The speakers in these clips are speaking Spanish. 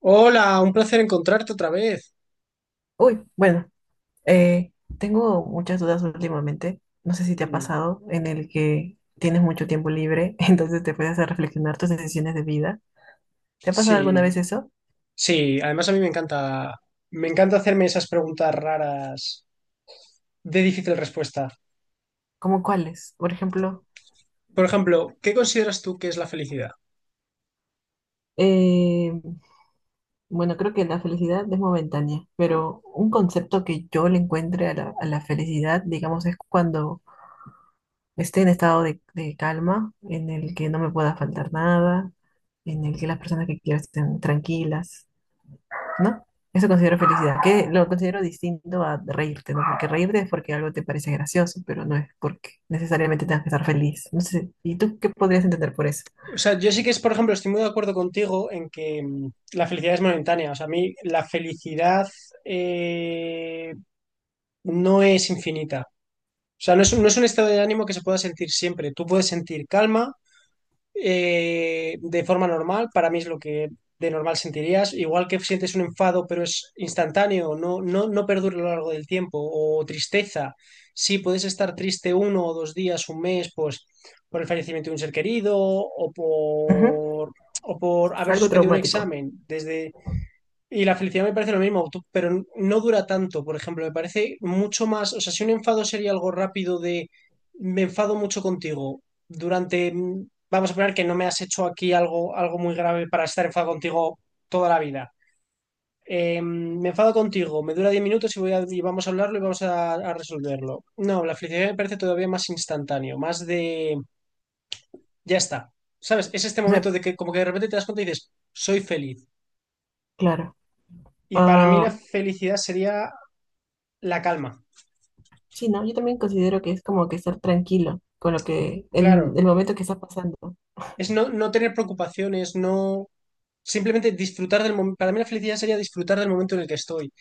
Hola, un placer encontrarte otra vez. Uy, bueno, eh, tengo muchas dudas últimamente. No sé si te ha Dime. pasado en el que tienes mucho tiempo libre, entonces te puedes hacer reflexionar tus decisiones de vida. ¿Te ha pasado alguna Sí, vez eso? sí, además a mí me encanta hacerme esas preguntas raras de difícil respuesta. ¿Cómo cuáles? Por ejemplo, Por ejemplo, ¿qué consideras tú que es la felicidad? eh, bueno, creo que la felicidad es momentánea, pero un concepto que yo le encuentre a la felicidad, digamos, es cuando esté en estado de calma, en el que no me pueda faltar nada, en el que las personas que quiero estén tranquilas, ¿no? Eso considero felicidad, que lo considero distinto a reírte, ¿no? Porque reírte es porque algo te parece gracioso, pero no es porque necesariamente tengas que estar feliz. No sé, ¿y tú qué podrías entender por eso? O sea, yo sí que es, por ejemplo, estoy muy de acuerdo contigo en que la felicidad es momentánea. O sea, a mí la felicidad eh, no es infinita. O sea, no es un estado de ánimo que se pueda sentir siempre. Tú puedes sentir calma, de forma normal, para mí es lo que de normal sentirías. Igual que sientes un enfado, pero es instantáneo, no, no, no perdura a lo largo del tiempo, o tristeza. Sí, puedes estar triste uno o dos días, un mes, pues por el fallecimiento de un ser querido Ujú. O por haber Algo suspendido un traumático. examen. Desde y la felicidad me parece lo mismo, pero no dura tanto. Por ejemplo, me parece mucho más, o sea, si un enfado sería algo rápido de me enfado mucho contigo durante, vamos a poner que no me has hecho aquí algo, algo muy grave para estar enfadado contigo toda la vida. Me enfado contigo, me dura 10 minutos y, y vamos a hablarlo y vamos a resolverlo. No, la felicidad me parece todavía más instantáneo, más de, ya está. ¿Sabes? Es este O momento sea, de que como que de repente te das cuenta y dices, soy feliz. claro. Y para mí la Ah, felicidad sería la calma. sí, ¿no? Yo también considero que es como que estar tranquilo con lo que, en Claro, el momento que estás pasando. es no, no tener preocupaciones, no simplemente disfrutar del momento. Para mí la felicidad sería disfrutar del momento en el que estoy.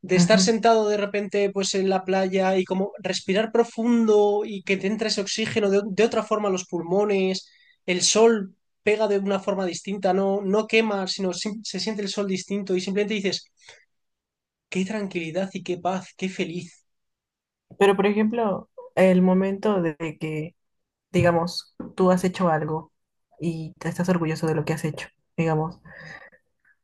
De estar Ujú. sentado de repente pues en la playa y como respirar profundo y que te entre ese oxígeno de otra forma a los pulmones, el sol pega de una forma distinta, no, no quema, sino se siente el sol distinto y simplemente dices, qué tranquilidad y qué paz, qué feliz. Pero, por ejemplo, el momento de que, digamos, tú has hecho algo y te estás orgulloso de lo que has hecho, digamos.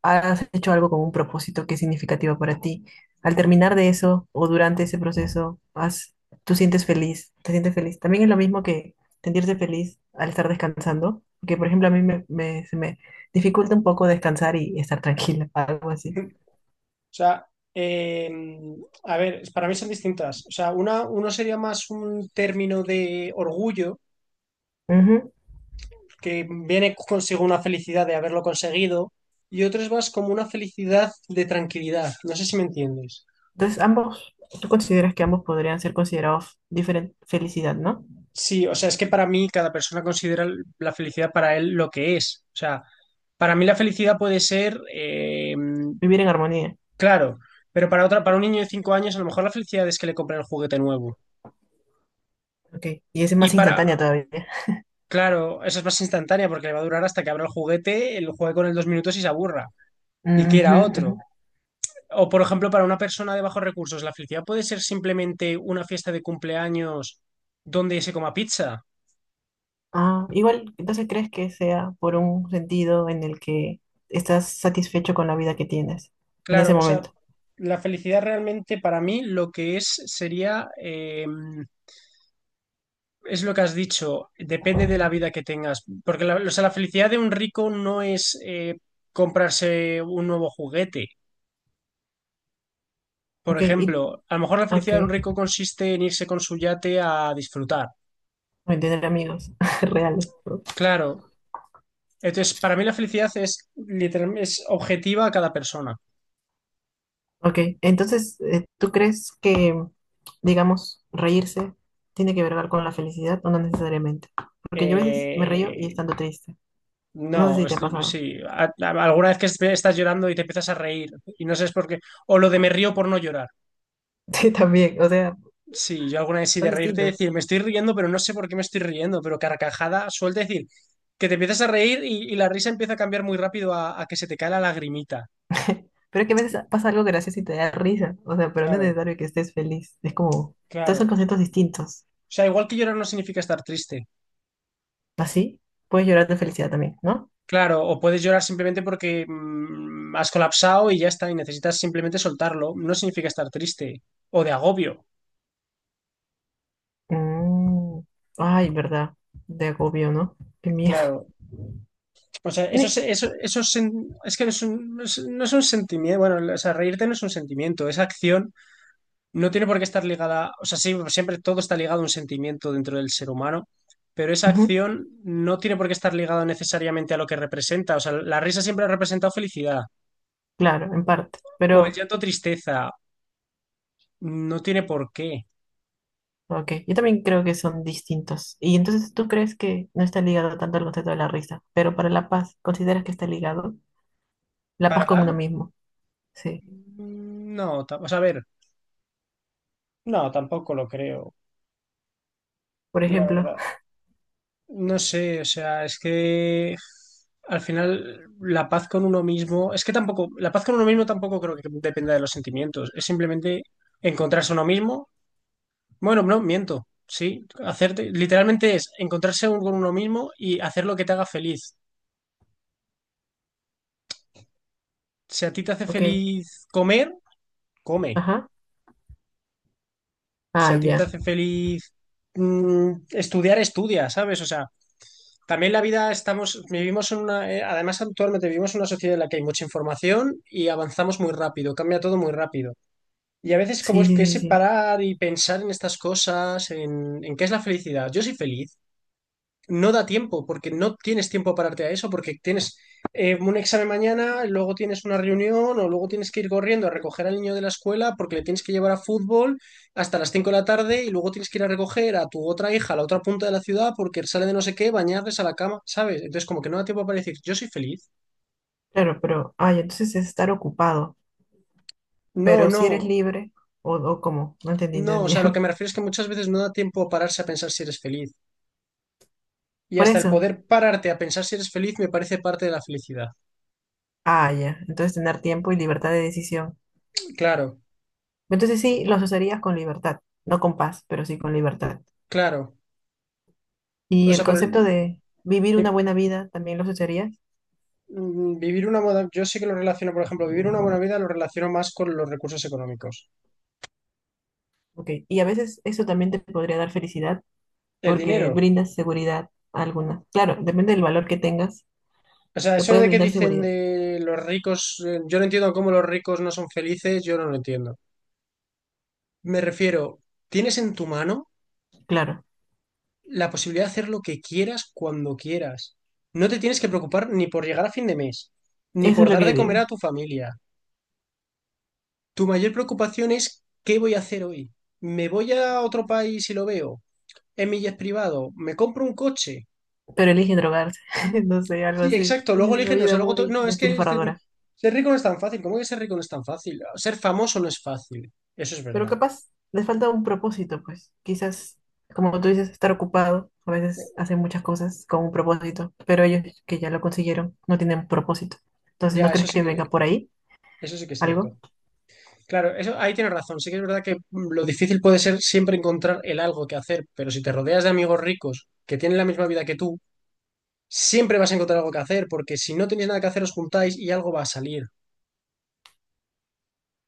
Has hecho algo con un propósito que es significativo para ti. Al terminar de eso o durante ese proceso, has, tú sientes feliz, te sientes feliz. También es lo mismo que sentirse feliz al estar descansando, que por ejemplo a mí se me dificulta un poco descansar y estar tranquila, algo así. O sea, eh, a ver, para mí son distintas. O sea, una, uno sería más un término de orgullo, Ujú. que viene consigo una felicidad de haberlo conseguido, y otro es más como una felicidad de tranquilidad. No sé si me entiendes. Entonces, ambos, tú consideras que ambos podrían ser considerados diferente felicidad, ¿no? Sí, o sea, es que para mí cada persona considera la felicidad para él lo que es. O sea, para mí la felicidad puede ser, Vivir en armonía. claro, pero para otra, para un niño de 5 años, a lo mejor la felicidad es que le compren el juguete nuevo. Ok, y ese es Y más instantánea para, todavía. Claro, eso es más instantánea porque le va a durar hasta que abra el juguete, lo juegue con él 2 minutos y se aburra y Ujú, quiera otro. ujú. O, por ejemplo, para una persona de bajos recursos, la felicidad puede ser simplemente una fiesta de cumpleaños donde se coma pizza. Ah, igual, entonces crees que sea por un sentido en el que estás satisfecho con la vida que tienes en ese Claro, o sea, momento. la felicidad realmente para mí lo que es sería, es lo que has dicho, depende de la vida que tengas. Porque la, o sea, la felicidad de un rico no es comprarse un nuevo juguete. Por Ok, y ejemplo, a lo mejor la ok, felicidad de un rico consiste en irse con su yate a disfrutar. bueno, tener amigos reales, ¿no? Claro. Entonces, para mí la felicidad es, es objetiva a cada persona. Ok, entonces, ¿tú crees que, digamos, reírse tiene que ver con la felicidad o no necesariamente? Porque yo a veces me río y Eh, estando triste. No sé no, si te ha pasado. sí. Alguna vez que estás llorando y te empiezas a reír y no sabes por qué. O lo de me río por no llorar. Sí, también, o sea, Sí, yo alguna vez sí son de reírte distintos. decir, me estoy riendo, pero no sé por qué me estoy riendo, pero carcajada suelta decir que te empiezas a reír y la risa empieza a cambiar muy rápido a que se te cae la lagrimita. Pero es que a veces pasa algo gracioso y te da risa. O sea, pero no es Claro, necesario que estés feliz. Es como, todos son claro. conceptos distintos. O sea, igual que llorar no significa estar triste. Así puedes llorar de felicidad también, ¿no? Claro, o puedes llorar simplemente porque has colapsado y ya está, y necesitas simplemente soltarlo. No significa estar triste o de agobio. Mm, ay, verdad. De agobio, ¿no? Qué miedo. Claro. O sea, Tienes... eso es es que no es un, no es un sentimiento. Bueno, o sea, reírte no es un sentimiento. Esa acción no tiene por qué estar ligada. O sea, sí, siempre todo está ligado a un sentimiento dentro del ser humano, pero esa Ujú. acción no tiene por qué estar ligada necesariamente a lo que representa. O sea, la risa siempre ha representado felicidad. Claro, en parte. O el Pero, llanto, tristeza. No tiene por qué. ok. Yo también creo que son distintos. Y entonces tú crees que no está ligado tanto al concepto de la risa. Pero para la paz, ¿consideras que está ligado? La paz ¿Para con uno la? mismo. Sí. No o sea, a ver, no, tampoco lo creo, Por la ejemplo, verdad. No sé, o sea, es que al final la paz con uno mismo, es que tampoco, la paz con uno mismo tampoco creo que dependa de los sentimientos, es simplemente encontrarse uno mismo. Bueno, no, miento, sí, hacerte, literalmente es encontrarse con uno mismo y hacer lo que te haga feliz. Si a ti te hace ok. feliz comer, come. Ajá. Si Ah, a ti te ya. hace feliz estudiar, estudia, ¿sabes? O sea, también la vida vivimos en una, además actualmente vivimos en una sociedad en la que hay mucha información y avanzamos muy rápido, cambia todo muy rápido. Y a veces como Sí, es sí, que sí, ese sí. parar y pensar en estas cosas, en qué es la felicidad. Yo soy feliz no da tiempo, porque no tienes tiempo a pararte a eso, porque tienes un examen mañana, luego tienes una reunión o luego tienes que ir corriendo a recoger al niño de la escuela porque le tienes que llevar a fútbol hasta las 5 de la tarde y luego tienes que ir a recoger a tu otra hija a la otra punta de la ciudad porque sale de no sé qué, bañarles a la cama, ¿sabes? Entonces como que no da tiempo para decir, yo soy feliz. Claro, pero, ay, ¿entonces es estar ocupado, No, pero si eres no, libre, o cómo? No entendí, no, o entendí. sea, lo que me refiero es que muchas veces no da tiempo a pararse a pensar si eres feliz. Y Por hasta el eso, poder pararte a pensar si eres feliz me parece parte de la felicidad. ah, ya, entonces tener tiempo y libertad de decisión. Claro, Entonces sí, los usarías con libertad, no con paz, pero sí con libertad. claro. O Y el sea, pero concepto de vivir una buena vida, ¿también los usarías? Vivir una buena, yo sí que lo relaciono, por ejemplo, vivir una buena vida lo relaciono más con los recursos económicos. Ok, y a veces eso también te podría dar felicidad, El porque dinero. brindas seguridad alguna. Claro, depende del valor que tengas, O sea, te eso puedes de que brindar dicen seguridad, de los ricos, yo no entiendo cómo los ricos no son felices, yo no lo entiendo. Me refiero, tienes en tu mano claro, la posibilidad de hacer lo que quieras cuando quieras. No te tienes que preocupar ni por llegar a fin de mes, ni eso es por lo dar que de comer a digo. tu familia. Tu mayor preocupación es ¿qué voy a hacer hoy? ¿Me voy a otro país y lo veo? ¿En mi jet privado? ¿Me compro un coche? Pero elige drogarse, no sé, algo Sí, así. exacto. Luego Tienen una eligen, o vida sea, luego muy no, es que despilfarradora, ser rico no es tan fácil. ¿Cómo que ser rico no es tan fácil? Ser famoso no es fácil. Eso es pero verdad. capaz les falta un propósito, pues. Quizás, como tú dices, estar ocupado, a veces hacen muchas cosas con un propósito, pero ellos que ya lo consiguieron no tienen propósito. Entonces, ¿no Ya, crees que venga por ahí eso sí que es algo? cierto. Claro, eso ahí tienes razón. Sí que es verdad que lo difícil puede ser siempre encontrar el algo que hacer, pero si te rodeas de amigos ricos que tienen la misma vida que tú, siempre vas a encontrar algo que hacer, porque si no tenéis nada que hacer, os juntáis y algo va a salir.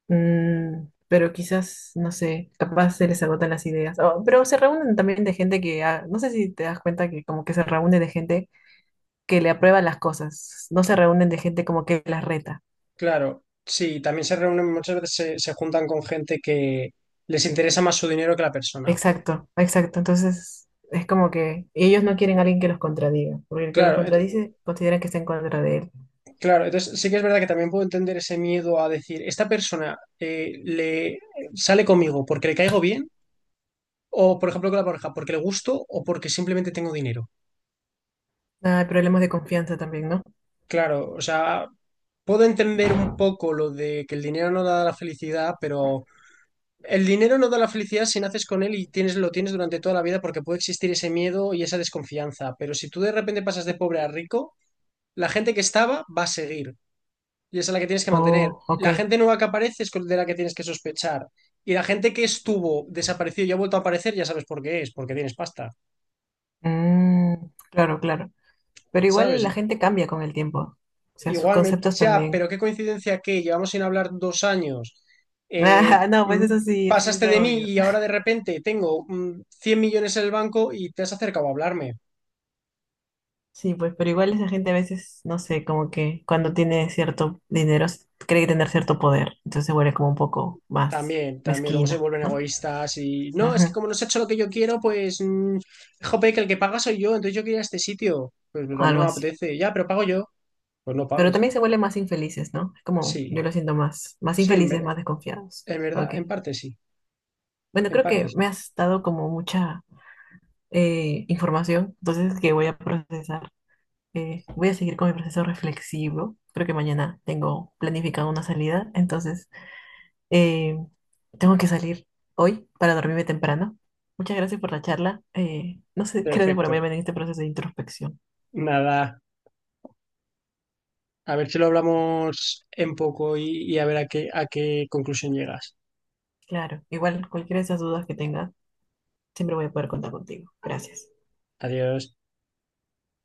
Mm, pero quizás, no sé, capaz se les agotan las ideas. Oh, pero se reúnen también de gente que, ah, no sé si te das cuenta que como que se reúnen de gente que le aprueba las cosas, no se reúnen de gente como que las reta. Claro, sí, también se reúnen, muchas veces se juntan con gente que les interesa más su dinero que la persona. Exacto, exacto. Entonces es como que ellos no quieren a alguien que los contradiga, porque el que los Claro, contradice consideran que está en contra de él. claro, entonces sí que es verdad que también puedo entender ese miedo a decir, esta persona le sale conmigo porque le caigo bien, o por ejemplo con la pareja, porque le gusto o porque simplemente tengo dinero. Ah, hay problemas de confianza también, ¿no? Claro, o sea, puedo entender un poco lo de que el dinero no da la felicidad, pero el dinero no da la felicidad si naces con él y tienes, lo tienes durante toda la vida porque puede existir ese miedo y esa desconfianza. Pero si tú de repente pasas de pobre a rico, la gente que estaba va a seguir. Y esa es la que tienes que mantener. Oh, La ok. gente nueva que aparece de la que tienes que sospechar. Y la gente que estuvo, desaparecido y ha vuelto a aparecer, ya sabes por qué es, porque tienes pasta, Mm, claro, claro. Pero ¿sabes? igual la gente cambia con el tiempo. O sea, sus Igualmente, conceptos ya, también. pero qué coincidencia que llevamos sin hablar 2 años, eh, Ah, no, pues mm, eso sí es pasaste de mí obvio. y ahora de repente tengo 100 millones en el banco y te has acercado a hablarme. Sí, pues, pero igual esa gente a veces, no sé, como que cuando tiene cierto dinero, s- cree tener cierto poder. Entonces se vuelve como un poco más También, también, luego se mezquina, vuelven ¿no? egoístas y no, es que Ujú, como no se ha hecho lo que yo quiero, pues, jope, que el que paga soy yo, entonces yo quería este sitio. Pues, pero a mí algo no me así. apetece, ya, pero pago yo. Pues no Pero pagues. también se vuelven más infelices, ¿no? Es como yo Sí, lo siento más, más sí, infelices, más desconfiados. en Ok. verdad, en parte sí, Bueno, en creo parte que sí. me has dado como mucha información, entonces que voy a procesar. Voy a seguir con mi proceso reflexivo. Creo que mañana tengo planificada una salida, entonces eh, tengo que salir hoy para dormirme temprano. Muchas gracias por la charla. No sé, gracias por Perfecto. haberme en este proceso de introspección. Nada, a ver si lo hablamos en poco y a ver a qué conclusión llegas. Claro, igual cualquiera de esas dudas que tengas, siempre voy a poder contar contigo. Gracias. Adiós.